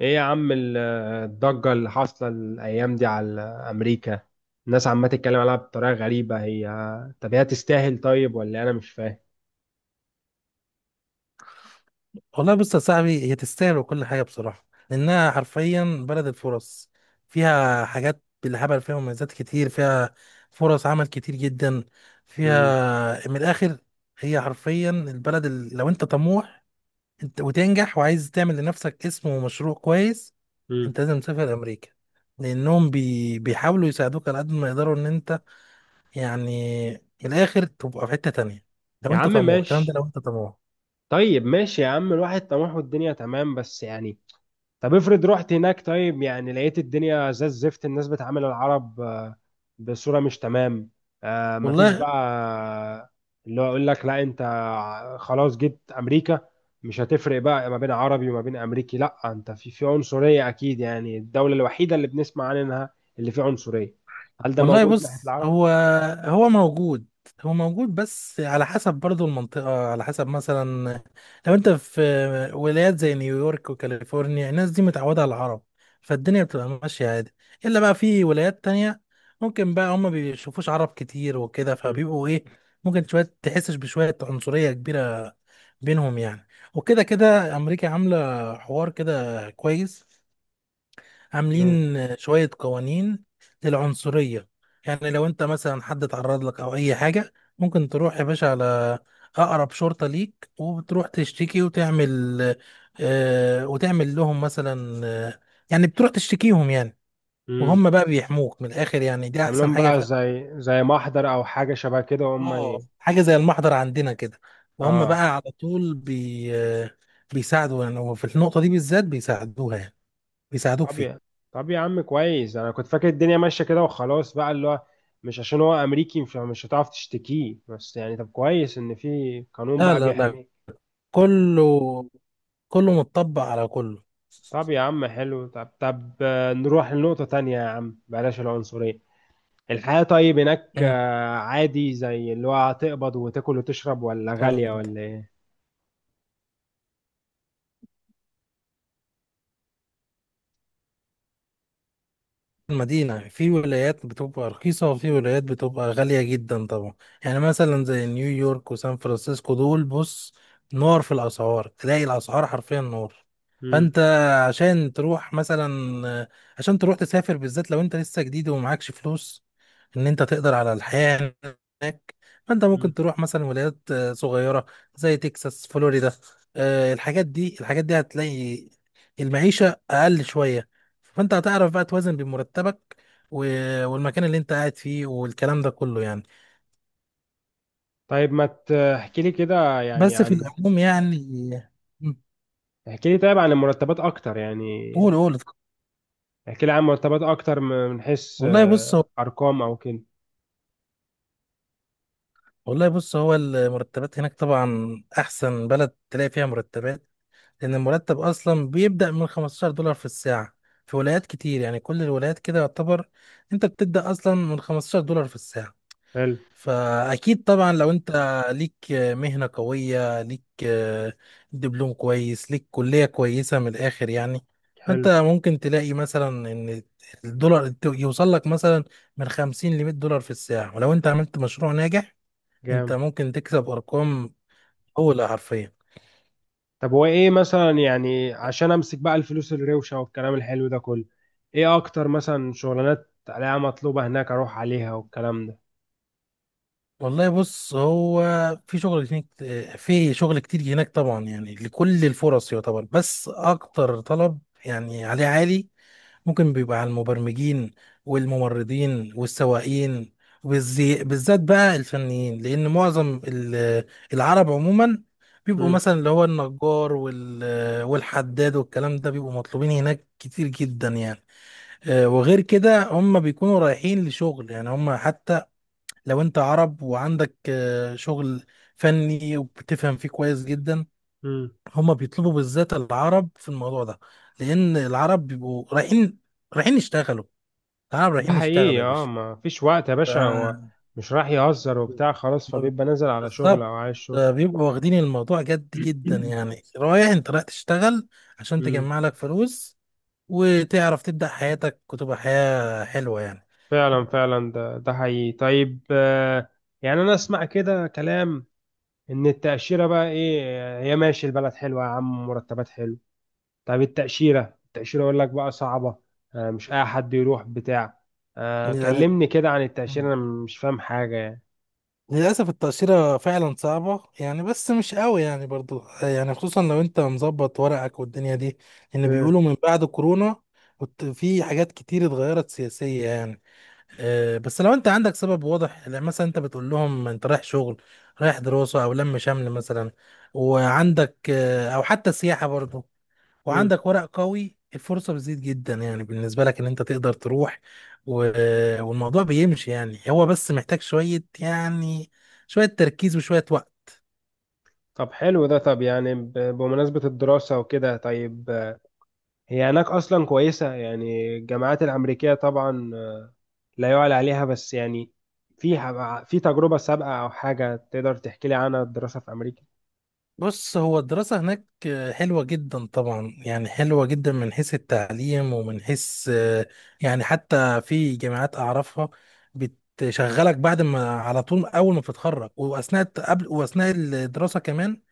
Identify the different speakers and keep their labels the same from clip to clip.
Speaker 1: ايه يا عم الضجة اللي حاصلة الأيام دي على أمريكا، الناس عمالة تتكلم عليها بطريقة غريبة. هي، طب هي تستاهل طيب، ولا أنا مش فاهم؟
Speaker 2: والله بص يا صاحبي، هي تستاهل وكل حاجة بصراحة، لأنها حرفيا بلد الفرص. فيها حاجات بالهبل، فيها مميزات كتير، فيها فرص عمل كتير جدا،
Speaker 1: مم.
Speaker 2: فيها من الآخر. هي حرفيا البلد اللي لو أنت طموح أنت وتنجح وعايز تعمل لنفسك اسم ومشروع كويس،
Speaker 1: مم.
Speaker 2: أنت لازم تسافر أمريكا. لأنهم بيحاولوا يساعدوك على قد ما يقدروا إن أنت، يعني، من الآخر تبقى في حتة تانية، لو
Speaker 1: يا
Speaker 2: أنت
Speaker 1: عم
Speaker 2: طموح، الكلام ده
Speaker 1: ماشي.
Speaker 2: لو أنت طموح.
Speaker 1: طيب ماشي يا عم، الواحد طموحه الدنيا تمام، بس يعني طب افرض رحت هناك طيب، يعني لقيت الدنيا زي الزفت، الناس بتعامل العرب بصورة مش تمام. آه، مفيش
Speaker 2: والله
Speaker 1: بقى اللي هو يقول لك لا انت، خلاص جيت امريكا، مش هتفرق بقى ما بين عربي وما بين امريكي، لا انت في عنصرية اكيد، يعني الدولة الوحيدة اللي بنسمع عنها اللي فيها عنصرية. هل ده
Speaker 2: والله
Speaker 1: موجود ناحية
Speaker 2: بص،
Speaker 1: العرب؟
Speaker 2: هو موجود، بس على حسب برضو المنطقة. على حسب مثلا لو انت في ولايات زي نيويورك وكاليفورنيا، الناس دي متعودة على العرب، فالدنيا بتبقى ماشية عادي. الا بقى في ولايات تانية، ممكن بقى هما بيشوفوش عرب كتير وكده،
Speaker 1: مم.
Speaker 2: فبيبقوا ايه، ممكن شوية تحسش بشوية عنصرية كبيرة بينهم يعني. وكده كده امريكا عاملة حوار كده كويس،
Speaker 1: مم.
Speaker 2: عاملين شوية قوانين للعنصرية. يعني لو انت مثلا حد اتعرض لك او اي حاجة، ممكن تروح يا باشا على اقرب شرطة ليك، وتروح تشتكي وتعمل آه، وتعمل لهم مثلا يعني بتروح تشتكيهم يعني.
Speaker 1: مم.
Speaker 2: وهم بقى بيحموك من الاخر، يعني دي احسن
Speaker 1: يعملهم
Speaker 2: حاجة
Speaker 1: بقى
Speaker 2: في.
Speaker 1: زي محضر او حاجة شبه كده، وهم
Speaker 2: اه، حاجة زي المحضر عندنا كده، وهم بقى
Speaker 1: اه.
Speaker 2: على طول بي آه بيساعدوا يعني، وفي النقطة دي بالذات بيساعدوها يعني، بيساعدوك
Speaker 1: طب
Speaker 2: فيها.
Speaker 1: يا طب يا عم كويس، انا كنت فاكر الدنيا ماشيه كده وخلاص بقى، اللي هو مش عشان هو امريكي مش هتعرف تشتكيه، بس يعني طب كويس ان في قانون
Speaker 2: لا
Speaker 1: بقى
Speaker 2: لا لا،
Speaker 1: بيحميه.
Speaker 2: كله كله متطبق على كله.
Speaker 1: طب يا عم حلو، طب طب، نروح لنقطه تانية يا عم، بلاش العنصريه. الحياه طيب هناك،
Speaker 2: مم.
Speaker 1: عادي زي اللي هو هتقبض وتاكل وتشرب، ولا غاليه
Speaker 2: طب،
Speaker 1: ولا ايه؟
Speaker 2: المدينة في ولايات بتبقى رخيصة وفي ولايات بتبقى غالية جدا طبعا. يعني مثلا زي نيويورك وسان فرانسيسكو، دول بص، نار في الأسعار، تلاقي الأسعار حرفيا نار.
Speaker 1: مم.
Speaker 2: فأنت عشان تروح مثلا، عشان تروح تسافر بالذات لو أنت لسه جديد ومعكش فلوس، إن أنت تقدر على الحياة هناك، فأنت
Speaker 1: مم.
Speaker 2: ممكن تروح مثلا ولايات صغيرة زي تكساس، فلوريدا. الحاجات دي، الحاجات دي هتلاقي المعيشة أقل شوية، فانت هتعرف بقى توازن بين مرتبك والمكان اللي انت قاعد فيه والكلام ده كله يعني.
Speaker 1: طيب، ما تحكي لي كده يعني
Speaker 2: بس في
Speaker 1: عن.
Speaker 2: العموم يعني. مم.
Speaker 1: احكي لي طيب عن المرتبات اكتر يعني.
Speaker 2: قول قول.
Speaker 1: احكي لي عن مرتبات اكتر، من حيث
Speaker 2: والله بص هو
Speaker 1: ارقام او كده.
Speaker 2: والله بص، هو المرتبات هناك طبعا احسن بلد تلاقي فيها مرتبات، لان المرتب اصلا بيبدأ من $15 في الساعة في ولايات كتير، يعني كل الولايات كده يعتبر، انت بتبدأ اصلا من $15 في الساعة.
Speaker 1: حلو.
Speaker 2: فأكيد طبعا لو أنت ليك مهنة قوية، ليك دبلوم كويس، ليك كلية كويسة، من الآخر يعني
Speaker 1: حلو.
Speaker 2: أنت ممكن تلاقي مثلا إن الدولار يوصل لك مثلا من 50 ل $100 في الساعة، ولو أنت عملت مشروع ناجح أنت
Speaker 1: جامد.
Speaker 2: ممكن تكسب أرقام أولى حرفيا.
Speaker 1: طب هو ايه مثلا يعني، عشان امسك بقى الفلوس الروشه والكلام الحلو ده كله؟ ايه اكتر مثلا شغلانات عليها مطلوبه هناك، اروح عليها والكلام ده؟
Speaker 2: والله بص، هو في شغل هناك، في شغل كتير هناك طبعا، يعني لكل الفرص يعتبر، بس أكتر طلب يعني عليه عالي ممكن بيبقى على المبرمجين والممرضين والسواقين، بالذات بقى الفنيين، لأن معظم العرب عموما بيبقوا
Speaker 1: امم.
Speaker 2: مثلا اللي هو النجار والحداد والكلام ده بيبقوا مطلوبين هناك كتير جدا يعني. وغير كده هم بيكونوا رايحين لشغل، يعني هم حتى لو انت عرب وعندك شغل فني وبتفهم فيه كويس جدا،
Speaker 1: امم.
Speaker 2: هم بيطلبوا بالذات العرب في الموضوع ده. لأن العرب بيبقوا رايحين، يشتغلوا، تعالوا
Speaker 1: ده
Speaker 2: رايحين يشتغلوا
Speaker 1: حقيقي،
Speaker 2: يا
Speaker 1: اه،
Speaker 2: باشا.
Speaker 1: ما فيش وقت يا باشا، هو
Speaker 2: آه،
Speaker 1: مش راح يهزر وبتاع خلاص،
Speaker 2: ما-
Speaker 1: فبيبقى نازل على شغل
Speaker 2: بالظبط.
Speaker 1: او عايز شغل.
Speaker 2: بيبقوا واخدين الموضوع جد جدا يعني، رايح انت رايح تشتغل عشان
Speaker 1: امم.
Speaker 2: تجمع لك فلوس، وتعرف تبدأ حياتك وتبقى حياة حلوة يعني.
Speaker 1: فعلا فعلا، ده حقيقي، طيب يعني انا اسمع كده كلام ان التأشيرة بقى ايه، هي ماشي البلد حلوة يا عم، مرتبات حلو. طب التأشيرة، يقول لك بقى صعبة، مش اي حد يروح بتاع،
Speaker 2: يعني
Speaker 1: كلمني كده عن التأشيرة، انا مش فاهم حاجة يعني.
Speaker 2: للأسف التأشيرة فعلا صعبة يعني، بس مش قوي يعني برضو يعني، خصوصا لو انت مظبط ورقك والدنيا دي، لأن
Speaker 1: مم.
Speaker 2: بيقولوا من بعد كورونا كنت في حاجات كتير اتغيرت سياسية يعني. بس لو انت عندك سبب واضح يعني، مثلا انت بتقول لهم انت رايح شغل، رايح دراسة او لم شمل مثلا، وعندك او حتى سياحة برضه،
Speaker 1: مم.
Speaker 2: وعندك ورق قوي، الفرصة بتزيد جدا يعني بالنسبة لك ان انت تقدر تروح. والموضوع بيمشي يعني، هو بس محتاج شوية يعني، شوية تركيز وشوية وقت.
Speaker 1: طب حلو ده، طب يعني بمناسبة الدراسة وكده، طيب هي هناك اصلا كويسة يعني، الجامعات الامريكية طبعا، لا يعلى عليها، بس يعني في في تجربة سابقة او حاجة تقدر تحكي لي عنها، الدراسة في امريكا؟
Speaker 2: بص، هو الدراسة هناك حلوة جدا طبعا يعني، حلوة جدا من حيث التعليم ومن حيث يعني، حتى في جامعات أعرفها بتشغلك بعد ما، على طول أول ما بتتخرج، قبل وأثناء الدراسة كمان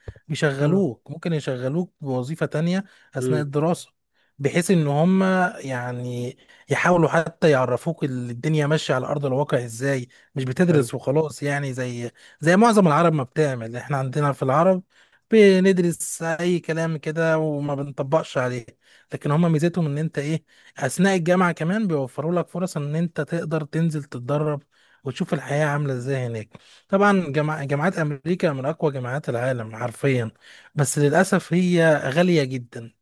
Speaker 1: اه.
Speaker 2: بيشغلوك، ممكن يشغلوك بوظيفة تانية أثناء
Speaker 1: امم.
Speaker 2: الدراسة، بحيث إن هم يعني يحاولوا حتى يعرفوك الدنيا ماشية على أرض الواقع إزاي، مش
Speaker 1: حلو.
Speaker 2: بتدرس وخلاص يعني، زي معظم العرب ما بتعمل. إحنا عندنا في العرب بندرس اي كلام كده وما بنطبقش عليه، لكن هما ميزتهم ان انت ايه، اثناء الجامعه كمان بيوفروا لك فرص ان انت تقدر تنزل تتدرب، وتشوف الحياه عامله ازاي هناك. طبعا جامعات امريكا من اقوى جامعات العالم حرفيا، بس للاسف هي غاليه جدا.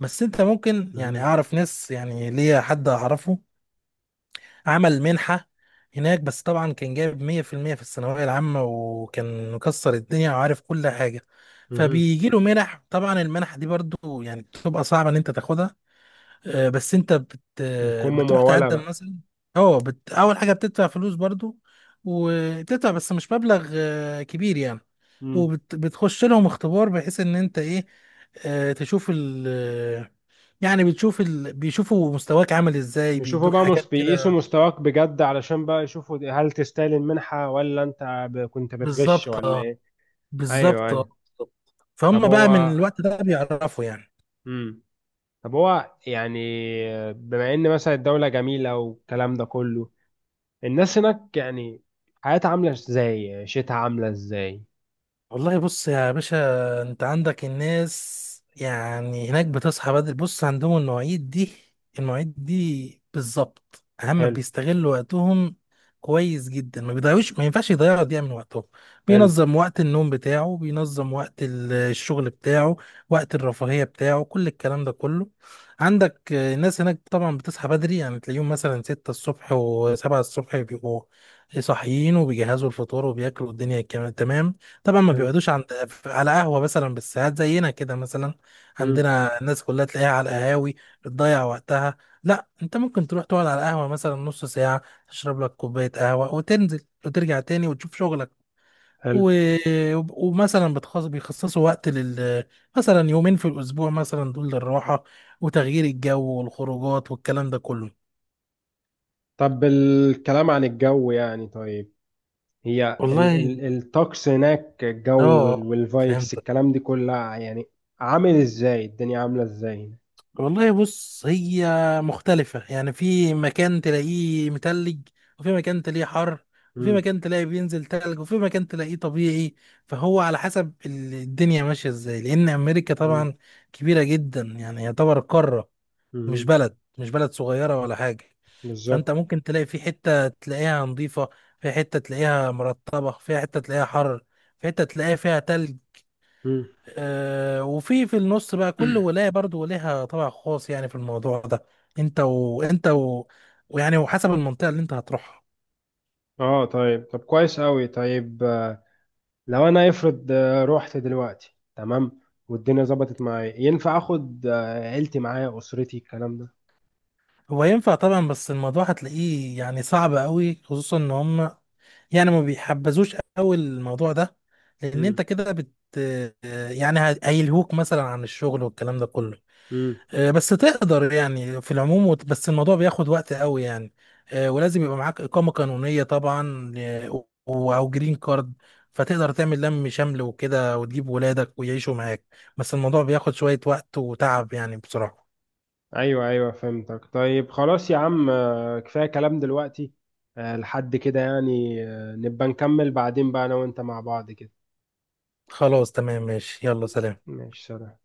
Speaker 2: بس انت ممكن يعني،
Speaker 1: مهم.
Speaker 2: اعرف ناس يعني، ليا حد اعرفه عمل منحة هناك، بس طبعا كان جايب 100% في المية في الثانوية العامة، وكان مكسر الدنيا وعارف كل حاجة.
Speaker 1: مهم.
Speaker 2: فبيجي له منح، طبعا المنح دي برضو يعني بتبقى صعبة ان انت تاخدها. بس انت بت آه،
Speaker 1: بتكون
Speaker 2: بتروح
Speaker 1: ممولة
Speaker 2: تقدم
Speaker 1: بقى؟
Speaker 2: مثلا. اه، اول حاجة بتدفع فلوس برضو، وبتدفع بس مش مبلغ كبير يعني.
Speaker 1: امم.
Speaker 2: وبتخش لهم اختبار بحيث ان انت ايه، آه، تشوف ال يعني بيشوفوا مستواك عامل ازاي،
Speaker 1: بيشوفوا
Speaker 2: بيدوك
Speaker 1: بقى
Speaker 2: حاجات
Speaker 1: بيقيسوا
Speaker 2: كده.
Speaker 1: مستواك بجد، علشان بقى يشوفوا هل تستاهل المنحة، ولا انت كنت بتغش
Speaker 2: بالظبط
Speaker 1: ولا
Speaker 2: آه.
Speaker 1: ايه؟ ايوه،
Speaker 2: بالظبط
Speaker 1: ايوه.
Speaker 2: بالظبط.
Speaker 1: طب
Speaker 2: فهم بقى من
Speaker 1: هو.
Speaker 2: الوقت ده بيعرفوا يعني.
Speaker 1: مم. طب هو يعني بما ان مثلا الدولة جميلة والكلام ده كله، الناس هناك يعني حياتها عاملة ازاي، عيشتها عاملة ازاي؟
Speaker 2: والله بص يا باشا، انت عندك الناس يعني هناك بتصحى بدري، بص عندهم المواعيد دي، المواعيد دي بالظبط، اهم
Speaker 1: حلو.
Speaker 2: بيستغلوا وقتهم كويس جدا، ما بيضيعوش، ما ينفعش يضيعوا دقيقة من وقتهم،
Speaker 1: حلو.
Speaker 2: بينظم وقت النوم بتاعه، بينظم وقت الشغل بتاعه، وقت الرفاهية بتاعه، كل الكلام ده كله. عندك الناس هناك طبعا بتصحى بدري، يعني تلاقيهم مثلا ستة الصبح وسبعة الصبح بيبقوا صاحيين وبيجهزوا الفطار وبياكلوا الدنيا كمان، تمام. طبعا ما
Speaker 1: حلو.
Speaker 2: بيقعدوش عند، على قهوة مثلا بالساعات زينا كده مثلا،
Speaker 1: مم.
Speaker 2: عندنا الناس كلها تلاقيها على القهاوي بتضيع وقتها. لا، انت ممكن تروح تقعد على القهوة مثلا نص ساعة، تشرب لك كوباية قهوة وتنزل وترجع تاني وتشوف شغلك.
Speaker 1: حلو.
Speaker 2: و... ومثلا بيخصصوا وقت لل، مثلا يومين في الأسبوع مثلا دول للراحة وتغيير الجو والخروجات والكلام ده كله.
Speaker 1: طب الكلام عن الجو يعني، طيب هي ال
Speaker 2: والله،
Speaker 1: ال الطقس هناك، الجو
Speaker 2: اه،
Speaker 1: والفايبس
Speaker 2: فهمت.
Speaker 1: الكلام دي كلها يعني، عامل ازاي الدنيا عاملة ازاي هنا؟
Speaker 2: والله بص، هي مختلفة يعني، في مكان تلاقيه متلج، وفي مكان تلاقيه حر، وفي
Speaker 1: مم،
Speaker 2: مكان تلاقيه بينزل تلج، وفي مكان تلاقيه طبيعي. فهو على حسب الدنيا ماشية ازاي، لأن أمريكا
Speaker 1: مم،
Speaker 2: طبعا كبيرة جدا يعني يعتبر قارة، مش
Speaker 1: مم،
Speaker 2: بلد، مش بلد صغيرة ولا حاجة. فأنت
Speaker 1: بالظبط.
Speaker 2: ممكن تلاقي في حتة تلاقيها نظيفة، في حتة تلاقيها مرطبة، في حتة تلاقيها حر، في حتة تلاقيها فيها تلج.
Speaker 1: مم.
Speaker 2: وفي النص بقى كل ولاية برضو ليها طابع خاص يعني في الموضوع ده، انت وانت و... ويعني وحسب المنطقة اللي انت هتروحها.
Speaker 1: اه، طيب طب كويس قوي، طيب لو انا افرض رحت دلوقتي تمام، والدنيا ظبطت معايا، ينفع اخد عيلتي معايا، اسرتي، الكلام ده؟
Speaker 2: هو ينفع طبعا، بس الموضوع هتلاقيه يعني صعب قوي، خصوصا ان هم يعني ما بيحبذوش قوي الموضوع ده، لان
Speaker 1: مم،
Speaker 2: انت كده بت، آه، يعني هيلهوك مثلا عن الشغل والكلام ده كله.
Speaker 1: مم.
Speaker 2: بس تقدر يعني في العموم بس الموضوع بياخد وقت قوي يعني. ولازم يبقى معاك إقامة قانونية طبعا، أو جرين كارد، فتقدر تعمل لم شمل وكده وتجيب ولادك ويعيشوا معاك، بس الموضوع بياخد شوية وقت وتعب يعني بصراحة.
Speaker 1: ايوه ايوه، فهمتك، طيب خلاص يا عم، كفايه كلام دلوقتي، لحد كده يعني، نبقى نكمل بعدين بقى انا وانت مع بعض كده.
Speaker 2: خلاص تمام، ماشي، يلا سلام.
Speaker 1: ماشي، سلام.